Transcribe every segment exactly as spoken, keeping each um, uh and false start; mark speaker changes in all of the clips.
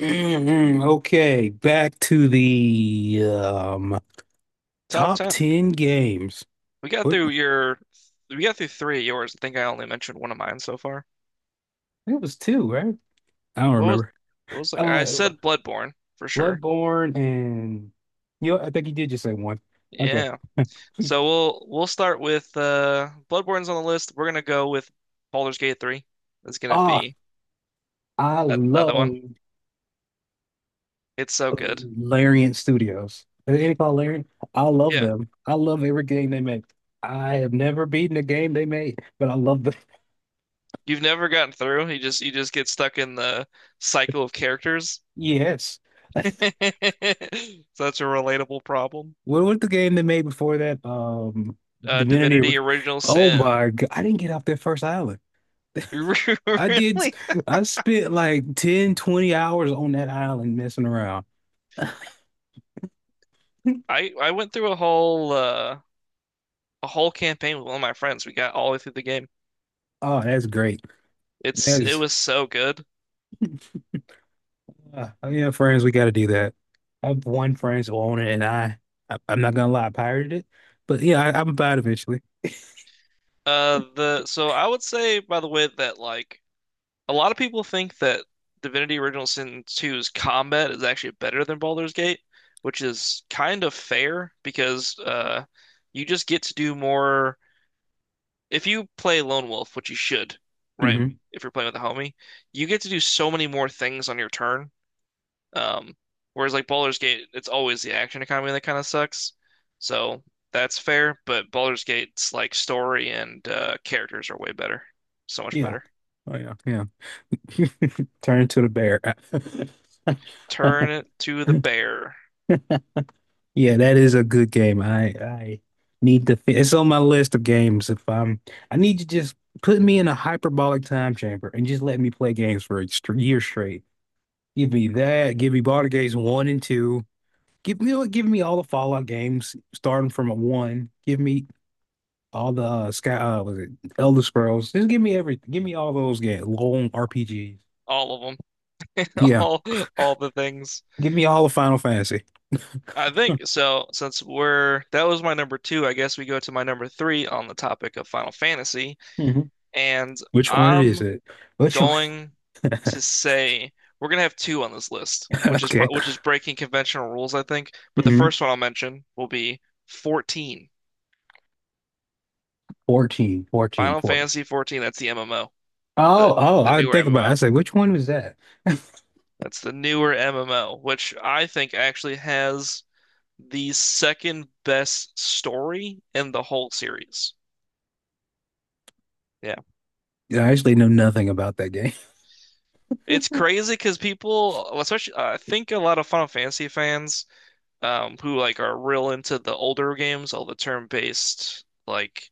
Speaker 1: Mhm. Okay, back to the um
Speaker 2: Top
Speaker 1: top
Speaker 2: ten.
Speaker 1: ten games.
Speaker 2: We got
Speaker 1: What
Speaker 2: through your, we got through three of yours. I think I only mentioned one of mine so far.
Speaker 1: it was two, right? I don't
Speaker 2: What was,
Speaker 1: remember.
Speaker 2: what was like, I
Speaker 1: Uh
Speaker 2: said Bloodborne for sure.
Speaker 1: Bloodborne and you know, I think you did just say one. Okay.
Speaker 2: Yeah. So we'll, we'll start with, uh, Bloodborne's on the list. We're gonna go with Baldur's Gate three. That's gonna
Speaker 1: Ah,
Speaker 2: be
Speaker 1: I
Speaker 2: another
Speaker 1: love
Speaker 2: one. It's so good.
Speaker 1: Larian Studios. Is it called Larian? I love
Speaker 2: Yeah.
Speaker 1: them. I love every game they make. I have never beaten a game they made, but I love them.
Speaker 2: You've never gotten through. You just, you just get stuck in the cycle of characters.
Speaker 1: Yes.
Speaker 2: Such a relatable problem.
Speaker 1: What was the game they made before that? Um,
Speaker 2: Uh,
Speaker 1: Divinity.
Speaker 2: Divinity
Speaker 1: Re-
Speaker 2: Original
Speaker 1: Oh
Speaker 2: Sin.
Speaker 1: my God. I didn't get off that first island. I did.
Speaker 2: Really?
Speaker 1: I spent like ten, twenty hours on that island messing around.
Speaker 2: I I went through a whole uh a whole campaign with one of my friends. We got all the way through the game.
Speaker 1: Oh, that's great. That
Speaker 2: It's it
Speaker 1: is,
Speaker 2: was so good.
Speaker 1: uh, yeah, friends, we got to do that. I have one friend who owned it, and I, I, I'm not gonna lie, I pirated it, but yeah, I, I'm about eventually.
Speaker 2: Uh the so I would say, by the way, that like a lot of people think that Divinity Original Sin two's combat is actually better than Baldur's Gate, which is kind of fair because uh you just get to do more if you play Lone Wolf, which you should, right?
Speaker 1: Hmm
Speaker 2: If you're playing with a homie, you get to do so many more things on your turn. Um, whereas like Baldur's Gate, it's always the action economy that kind of sucks. So that's fair, but Baldur's Gate's like story and uh, characters are way better, so much
Speaker 1: Yeah.
Speaker 2: better.
Speaker 1: Oh yeah, yeah. Turn into the bear.
Speaker 2: Turn it to the bear,
Speaker 1: Yeah, that is a good game. I I need to. fi- It's on my list of games. If I'm, I need to just put me in a hyperbolic time chamber and just let me play games for a str- year straight. Give me that. Give me Baldur's Gates one and two. Give me give me all the Fallout games starting from a one. Give me all the uh, Sky. Uh, was it Elder Scrolls? Just give me everything. Give me all those games. Long R P Gs.
Speaker 2: all of them,
Speaker 1: Yeah.
Speaker 2: all all the things.
Speaker 1: Give me all the Final Fantasy.
Speaker 2: I think so. Since we're that was my number two, I guess we go to my number three on the topic of Final Fantasy,
Speaker 1: Mhm.
Speaker 2: and
Speaker 1: Which one is
Speaker 2: I'm
Speaker 1: it? Which one?
Speaker 2: going to say we're gonna have two on this list, which is pro
Speaker 1: Okay.
Speaker 2: which is breaking conventional rules, I think. But the
Speaker 1: hmm
Speaker 2: first one I'll mention will be fourteen.
Speaker 1: fourteen, fourteen,
Speaker 2: Final
Speaker 1: fourteen.
Speaker 2: Fantasy fourteen, that's the M M O, the
Speaker 1: Oh, oh,
Speaker 2: the
Speaker 1: I
Speaker 2: newer
Speaker 1: think about it. I
Speaker 2: M M O.
Speaker 1: say, which one was that? I
Speaker 2: That's the newer M M O, which I think actually has the second best story in the whole series. Yeah.
Speaker 1: actually know nothing about that game.
Speaker 2: It's crazy because people, especially I think a lot of Final Fantasy fans um, who like are real into the older games, all the turn-based, like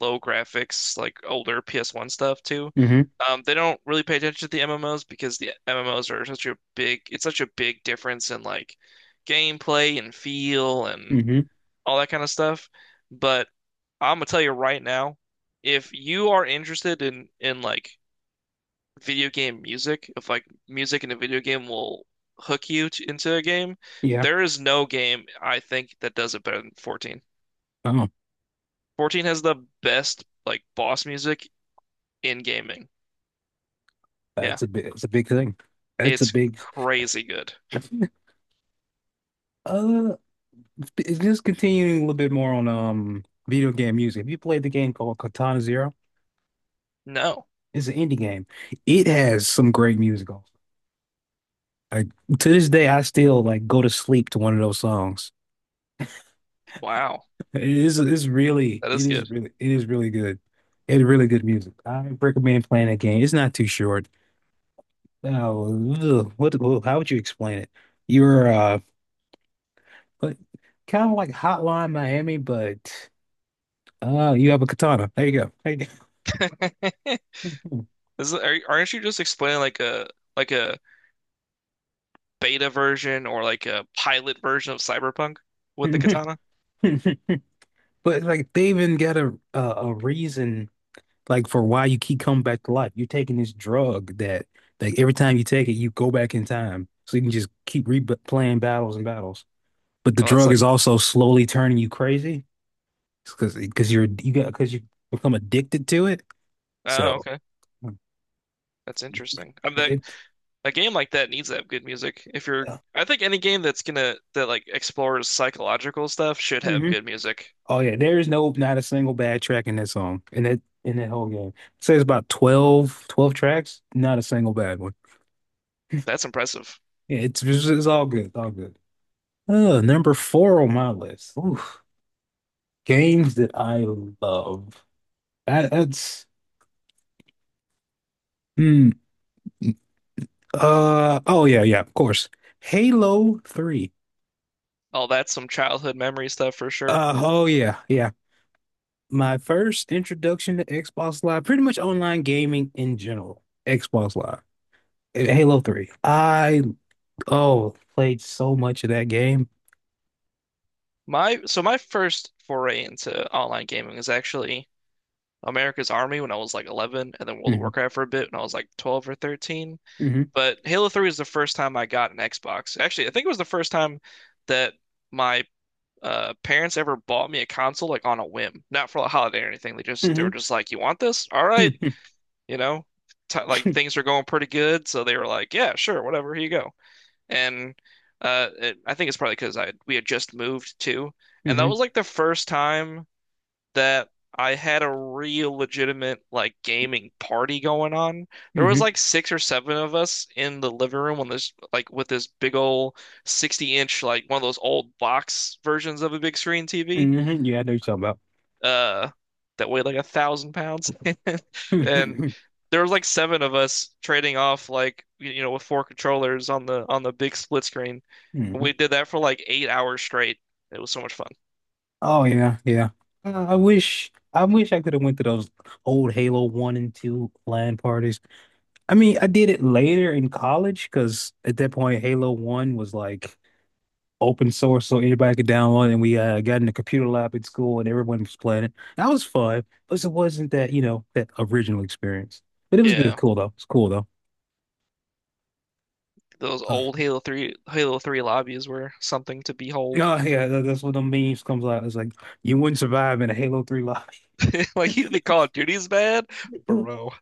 Speaker 2: low graphics, like older P S one stuff too.
Speaker 1: Hmm
Speaker 2: Um, they don't really pay attention to the M M Os because the M M Os are such a big, it's such a big difference in like gameplay and feel and
Speaker 1: hmm
Speaker 2: all that kind of stuff. But I'm gonna tell you right now, if you are interested in in like video game music, if like music in a video game will hook you to, into a game,
Speaker 1: Yeah.
Speaker 2: there is no game I think that does it better than fourteen.
Speaker 1: Oh,
Speaker 2: fourteen has the best like boss music in gaming. Yeah,
Speaker 1: that's a big, it's a big thing. That's a
Speaker 2: it's
Speaker 1: big.
Speaker 2: crazy good.
Speaker 1: Uh, it's just continuing a little bit more on um video game music. Have you played the game called Katana Zero?
Speaker 2: No,
Speaker 1: It's an indie game. It has some great music. On Like to this day, I still like go to sleep to one of those songs.
Speaker 2: wow,
Speaker 1: It is it's really
Speaker 2: that
Speaker 1: it
Speaker 2: is
Speaker 1: is
Speaker 2: good.
Speaker 1: really it is really good. It's really good music. I recommend playing that game. It's not too short. Oh, ugh, what what- how would you explain it? You're uh kind of like Hotline Miami, but uh you have a katana. There you go. There
Speaker 2: This is, are, aren't you just explaining like a like a beta version or like a pilot version of Cyberpunk with the
Speaker 1: you go.
Speaker 2: katana?
Speaker 1: But like they even got a, uh, a a reason like for why you keep coming back to life. You're taking this drug that like every time you take it, you go back in time. So you can just keep replaying battles and battles. But the
Speaker 2: Oh, that's
Speaker 1: drug
Speaker 2: like,
Speaker 1: is also slowly turning you crazy because because you're you got because you become addicted to it.
Speaker 2: oh,
Speaker 1: So
Speaker 2: okay, that's interesting. I'm that
Speaker 1: it,
Speaker 2: A game like that needs to have good music. If you're, I think any game that's gonna that like explores psychological stuff should have
Speaker 1: hmm
Speaker 2: good music.
Speaker 1: Oh yeah, there is no not a single bad track in that song in that in that whole game. Say it's about twelve twelve tracks, not a single bad one.
Speaker 2: That's impressive.
Speaker 1: Yeah, it's it's, it's all good, it's all good. Uh, number four on my list. Oof. Games that I love. That, that's hmm. Uh oh yeah yeah of course. Halo three.
Speaker 2: Oh, that's some childhood memory stuff for sure.
Speaker 1: Uh, oh yeah, yeah. My first introduction to Xbox Live, pretty much online gaming in general, Xbox Live, and Halo three. I, oh, played so much of that game.
Speaker 2: My so my first foray into online gaming was actually America's Army when I was like eleven, and then World of
Speaker 1: Hmm
Speaker 2: Warcraft for a bit when I was like twelve or thirteen.
Speaker 1: hmm
Speaker 2: But Halo three was the first time I got an Xbox. Actually, I think it was the first time that my uh parents ever bought me a console like on a whim, not for a holiday or anything. They just they were
Speaker 1: hmm
Speaker 2: just like, "You want this? All right."
Speaker 1: hmm
Speaker 2: You know, t like things are going pretty good, so they were like, "Yeah, sure, whatever, here you go." And uh, it, I think it's probably because I we had just moved too, and that
Speaker 1: hmm
Speaker 2: was like the first time that I had a real legitimate like gaming party going on. There was
Speaker 1: hmm
Speaker 2: like six or seven of us in the living room on this like with this big old sixty inch, like one of those old box versions of a big screen T V
Speaker 1: hmm Yeah, I know you're talking about.
Speaker 2: uh that weighed like a thousand pounds, and there was like seven of us trading off like you you know, with four controllers on the on the big split screen. We
Speaker 1: hmm
Speaker 2: did that for like eight hours straight. It was so much fun.
Speaker 1: Oh yeah, yeah. Uh, I wish, I wish I could have went to those old Halo one and two LAN parties. I mean, I did it later in college because at that point, Halo one was like, open source so anybody could download it. And we uh, got in the computer lab at school and everyone was playing it. That was fun, but it wasn't that, you know, that original experience. But it was good,
Speaker 2: Yeah,
Speaker 1: cool though. It's cool though.
Speaker 2: those
Speaker 1: Uh,
Speaker 2: old Halo three Halo three lobbies were something to behold.
Speaker 1: oh yeah, that, that's what the memes comes out. It's like you wouldn't survive in a Halo three lobby.
Speaker 2: Like you think Call of Duty's bad, bro.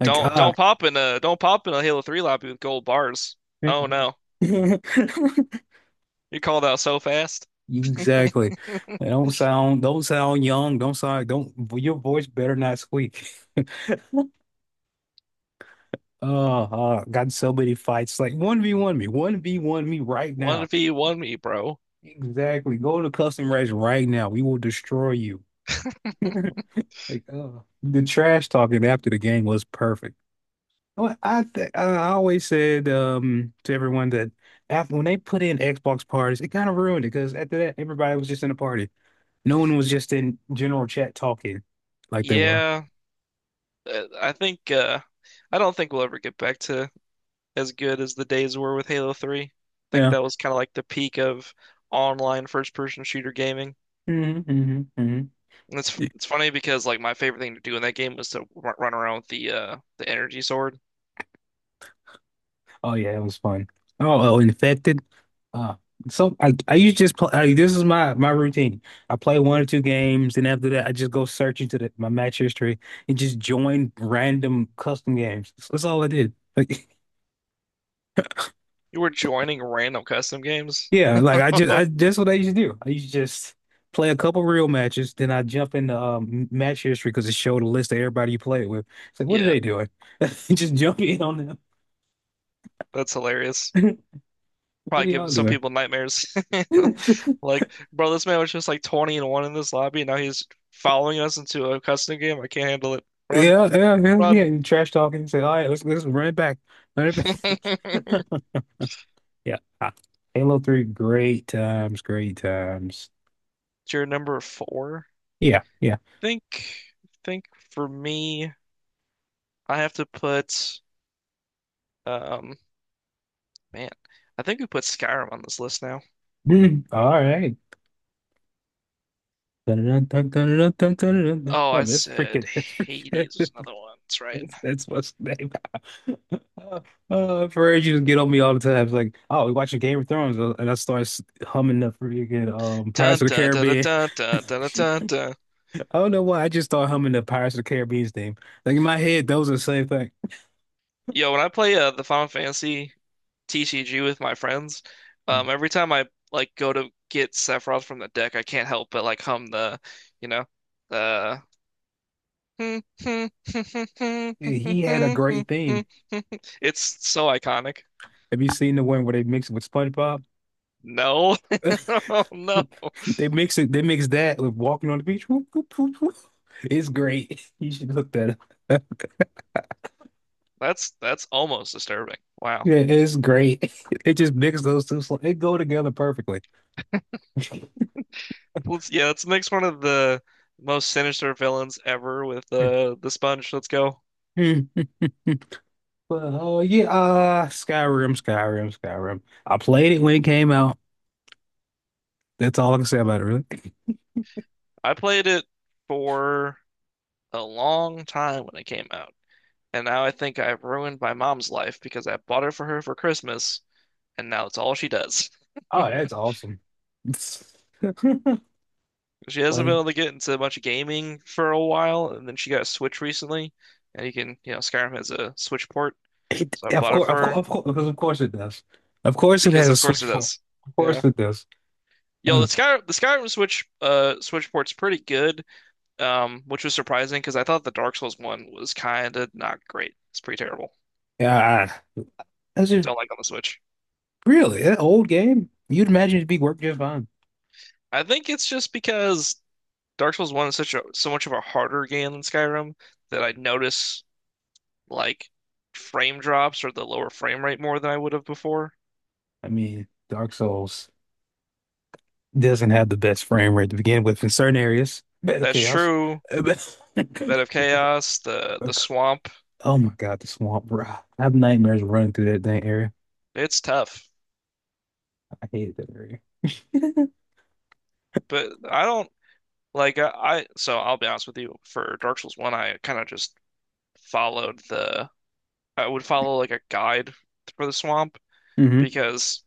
Speaker 1: Like
Speaker 2: Don't
Speaker 1: ah.
Speaker 2: don't pop in a don't pop in a Halo three lobby with gold bars.
Speaker 1: yeah.
Speaker 2: Oh no. You called out so fast.
Speaker 1: Exactly. Don't sound don't sound young. Don't sound don't your voice better not squeak. Oh, uh, got in so many fights. Like one v one me, one v one me right now.
Speaker 2: one v one me, bro.
Speaker 1: Exactly. Go to custom race right now. We will destroy you. Like, uh, the trash talking after the game was perfect. Well, I th I always said um to everyone that after when they put in Xbox parties, it kind of ruined it because after that everybody was just in a party. No one was just in general chat talking like they were.
Speaker 2: Yeah, uh, I think uh I don't think we'll ever get back to as good as the days were with Halo three. I think
Speaker 1: Yeah.
Speaker 2: that was kind of like the peak of online first-person shooter gaming.
Speaker 1: hmm hmm hmm
Speaker 2: And it's it's funny because like my favorite thing to do in that game was to r run around with the uh the energy sword.
Speaker 1: Oh yeah, it was fun. Oh, oh, infected. Uh, so I I usually just play. I, this is my my routine. I play one or two games, and after that, I just go search into the, my match history and just join random custom games. That's, that's all I did. Like,
Speaker 2: You were joining random custom games.
Speaker 1: yeah, like I just I that's what I used to do. I used to just play a couple real matches, then I jump into um, match history because it showed a list of everybody you played with. It's like, what are
Speaker 2: Yeah,
Speaker 1: they doing? Just jump in on them.
Speaker 2: that's hilarious.
Speaker 1: What
Speaker 2: Probably
Speaker 1: are
Speaker 2: giving
Speaker 1: y'all
Speaker 2: some
Speaker 1: doing?
Speaker 2: people nightmares. Like, bro, this man was just like twenty and one in this lobby, and now he's following us into a custom game. I can't handle it. Run,
Speaker 1: Yeah, yeah, yeah,
Speaker 2: run.
Speaker 1: yeah. You trash talking. Say, all right, let's let's run it back, run it back. Yeah, ah, Halo three, great times, great times.
Speaker 2: You're number four.
Speaker 1: Yeah, yeah.
Speaker 2: Think, think for me, I have to put, um, man, I think we put Skyrim on this list now.
Speaker 1: Mm, all right. Dun, dun, dun, dun, dun, dun, dun, dun, dun.
Speaker 2: Oh,
Speaker 1: Wait a
Speaker 2: I
Speaker 1: minute, that's
Speaker 2: said
Speaker 1: freaking, that's freaking,
Speaker 2: Hades was another one. That's right.
Speaker 1: that's, that's what's the name. Uh, uh, for ages, you get on me all the time. It's like, oh, we watching Game of Thrones, uh, and I start s- humming the freaking um
Speaker 2: Dun
Speaker 1: Pirates of the
Speaker 2: dun dun
Speaker 1: Caribbean.
Speaker 2: dun
Speaker 1: I
Speaker 2: dun dun dun dun dun.
Speaker 1: don't know why. I just started humming the Pirates of the Caribbean theme. Like in my head, those are the same thing.
Speaker 2: Yo, when I play uh, the Final Fantasy T C G with my friends,
Speaker 1: Mm.
Speaker 2: um, every time I like go to get Sephiroth from the deck, I can't help but like hum the, you know, the.
Speaker 1: Yeah, He had a great
Speaker 2: It's
Speaker 1: theme.
Speaker 2: so iconic.
Speaker 1: Have you seen the one where they mix it with SpongeBob?
Speaker 2: No, oh, no,
Speaker 1: They mix it. They mix that with walking on the beach. Whoop, whoop, whoop, whoop. It's great. You should look that up.
Speaker 2: that's that's almost disturbing. Wow.
Speaker 1: Yeah, it's great. It just mixes those two. sl- It go together perfectly.
Speaker 2: Let's, yeah, let's mix one of the most sinister villains ever with the the Sponge. Let's go.
Speaker 1: But oh yeah, uh, Skyrim, Skyrim, Skyrim. I played it when it came out. That's all I can say about it, really.
Speaker 2: I played it for a long time when it came out. And now I think I've ruined my mom's life because I bought it for her for Christmas, and now it's all she does.
Speaker 1: Oh, that's awesome.
Speaker 2: She hasn't been
Speaker 1: Play?
Speaker 2: able to get into much gaming for a while, and then she got a Switch recently, and you can, you know, Skyrim has a Switch port,
Speaker 1: It,
Speaker 2: so I
Speaker 1: of
Speaker 2: bought it
Speaker 1: course,
Speaker 2: for
Speaker 1: of course,
Speaker 2: her
Speaker 1: of course, because of course it does. Of course it
Speaker 2: because,
Speaker 1: has a
Speaker 2: of course,
Speaker 1: Switch
Speaker 2: it
Speaker 1: form.
Speaker 2: does.
Speaker 1: Of
Speaker 2: Yeah.
Speaker 1: course it does.
Speaker 2: Yo, the
Speaker 1: Oh,
Speaker 2: Sky the Skyrim Switch uh Switch port's pretty good, um, which was surprising because I thought the Dark Souls one was kind of not great. It's pretty terrible.
Speaker 1: yeah, I- that's just
Speaker 2: Don't like on the Switch.
Speaker 1: really that old game. You'd imagine it'd be work just fine.
Speaker 2: I think it's just because Dark Souls one is such a so much of a harder game than Skyrim that I notice like frame drops or the lower frame rate more than I would have before.
Speaker 1: I mean, Dark Souls. Doesn't have the best frame rate to begin with in certain areas. Bed of
Speaker 2: That's
Speaker 1: chaos.
Speaker 2: true.
Speaker 1: Uh, But
Speaker 2: Bed of Chaos, the the swamp,
Speaker 1: oh my God, the swamp, bro. I have nightmares running through that dang area.
Speaker 2: it's tough.
Speaker 1: I hated that area.
Speaker 2: But I don't like I, I so I'll be honest with you, for Dark Souls one I kind of just followed the I would follow like a guide for the swamp
Speaker 1: hmm
Speaker 2: because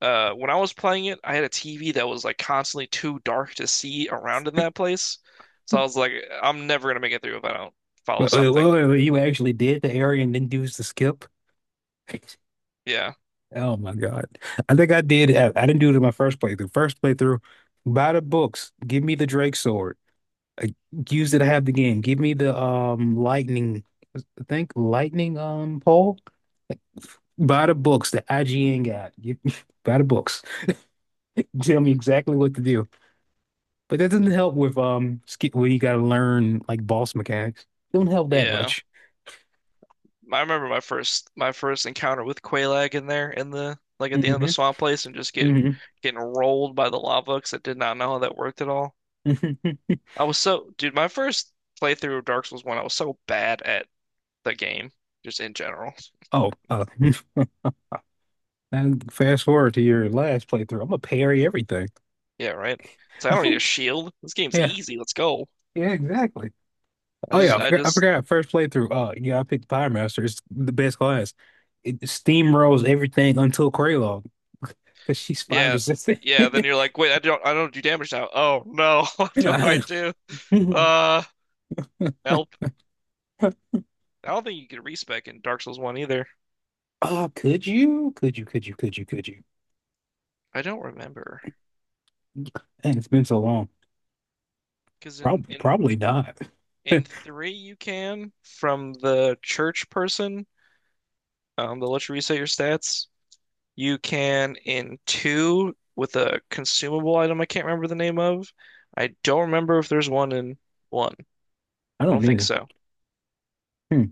Speaker 2: Uh, when I was playing it, I had a T V that was like constantly too dark to see around in that place. So I was like, I'm never gonna make it through if I don't follow
Speaker 1: Well, well,
Speaker 2: something.
Speaker 1: well, you actually did the area and then used the skip.
Speaker 2: Yeah,
Speaker 1: Oh my God. I think I did. I, I didn't do it in my first playthrough. First playthrough, buy the books. Give me the Drake sword. Uh, use it to have the game. Give me the um lightning. I think lightning um pole. Buy the books The I G N got. You, buy the books. Tell me exactly what to do. But that doesn't help with um ski well, you gotta learn like boss mechanics. Don't help that
Speaker 2: yeah.
Speaker 1: much.
Speaker 2: I remember my first my first encounter with Quaalag in there in the like at the end of the
Speaker 1: Hmm
Speaker 2: swamp place and just get
Speaker 1: hmm
Speaker 2: getting rolled by the lava because I did not know how that worked at all.
Speaker 1: hmm
Speaker 2: I was so dude, my first playthrough of Dark Souls one, I was so bad at the game, just in general.
Speaker 1: Oh, uh, and fast forward to your last playthrough. I'm gonna parry everything.
Speaker 2: Yeah, right. So I don't need a shield. This game's
Speaker 1: Yeah,
Speaker 2: easy. Let's go.
Speaker 1: yeah, exactly.
Speaker 2: I
Speaker 1: Oh yeah,
Speaker 2: just
Speaker 1: I
Speaker 2: I
Speaker 1: forgot, I
Speaker 2: just
Speaker 1: forgot first playthrough. Uh, yeah, I picked Pyromaster. It's the best class. It steamrolls everything until Kraylog, because she's fire
Speaker 2: Yeah.
Speaker 1: resistant.
Speaker 2: Yeah, then you're like, wait, I don't I don't do damage now. Oh no, what do I do? Uh, help. I don't think you can respec in Dark Souls one either.
Speaker 1: Uh, could you? Could you? Could you? Could you? Could you?
Speaker 2: I don't remember. remember
Speaker 1: And it's been so long.
Speaker 2: because in
Speaker 1: Probably,
Speaker 2: in
Speaker 1: probably not. I
Speaker 2: in three you can from the church person, um, they'll let you reset your stats. You can in two with a consumable item I can't remember the name of. I don't remember if there's one in one. I don't
Speaker 1: don't
Speaker 2: think
Speaker 1: either.
Speaker 2: so.
Speaker 1: Hmm.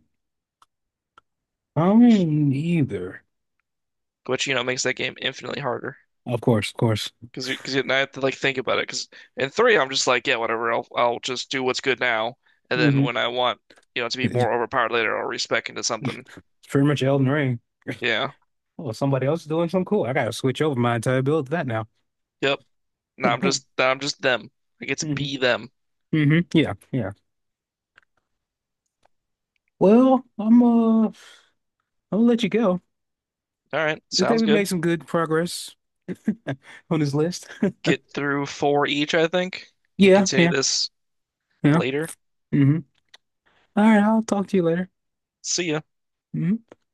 Speaker 1: I don't either.
Speaker 2: Which, you know, makes that game infinitely harder.
Speaker 1: Of course, of course.
Speaker 2: Because because I have to like think about it. Because in three, I'm just like, yeah, whatever. I'll I'll just do what's good now, and then
Speaker 1: Hmm
Speaker 2: when I want, you know, to be
Speaker 1: It's
Speaker 2: more overpowered later, I'll respec into something.
Speaker 1: pretty much Elden Ring.
Speaker 2: Yeah.
Speaker 1: Oh, somebody else is doing something cool. I gotta switch over my entire build to that now.
Speaker 2: Yep. Now I'm
Speaker 1: hmm
Speaker 2: just now I'm just them. I get to be them.
Speaker 1: hmm Yeah, yeah. Well, I'm uh, I'll let you go.
Speaker 2: All right.
Speaker 1: I think
Speaker 2: Sounds
Speaker 1: we
Speaker 2: good.
Speaker 1: made some good progress on this list.
Speaker 2: Get through four each, I think. Can
Speaker 1: Yeah,
Speaker 2: continue
Speaker 1: yeah,
Speaker 2: this
Speaker 1: yeah.
Speaker 2: later.
Speaker 1: hmm All right, I'll talk to you later.
Speaker 2: See ya.
Speaker 1: Mhm.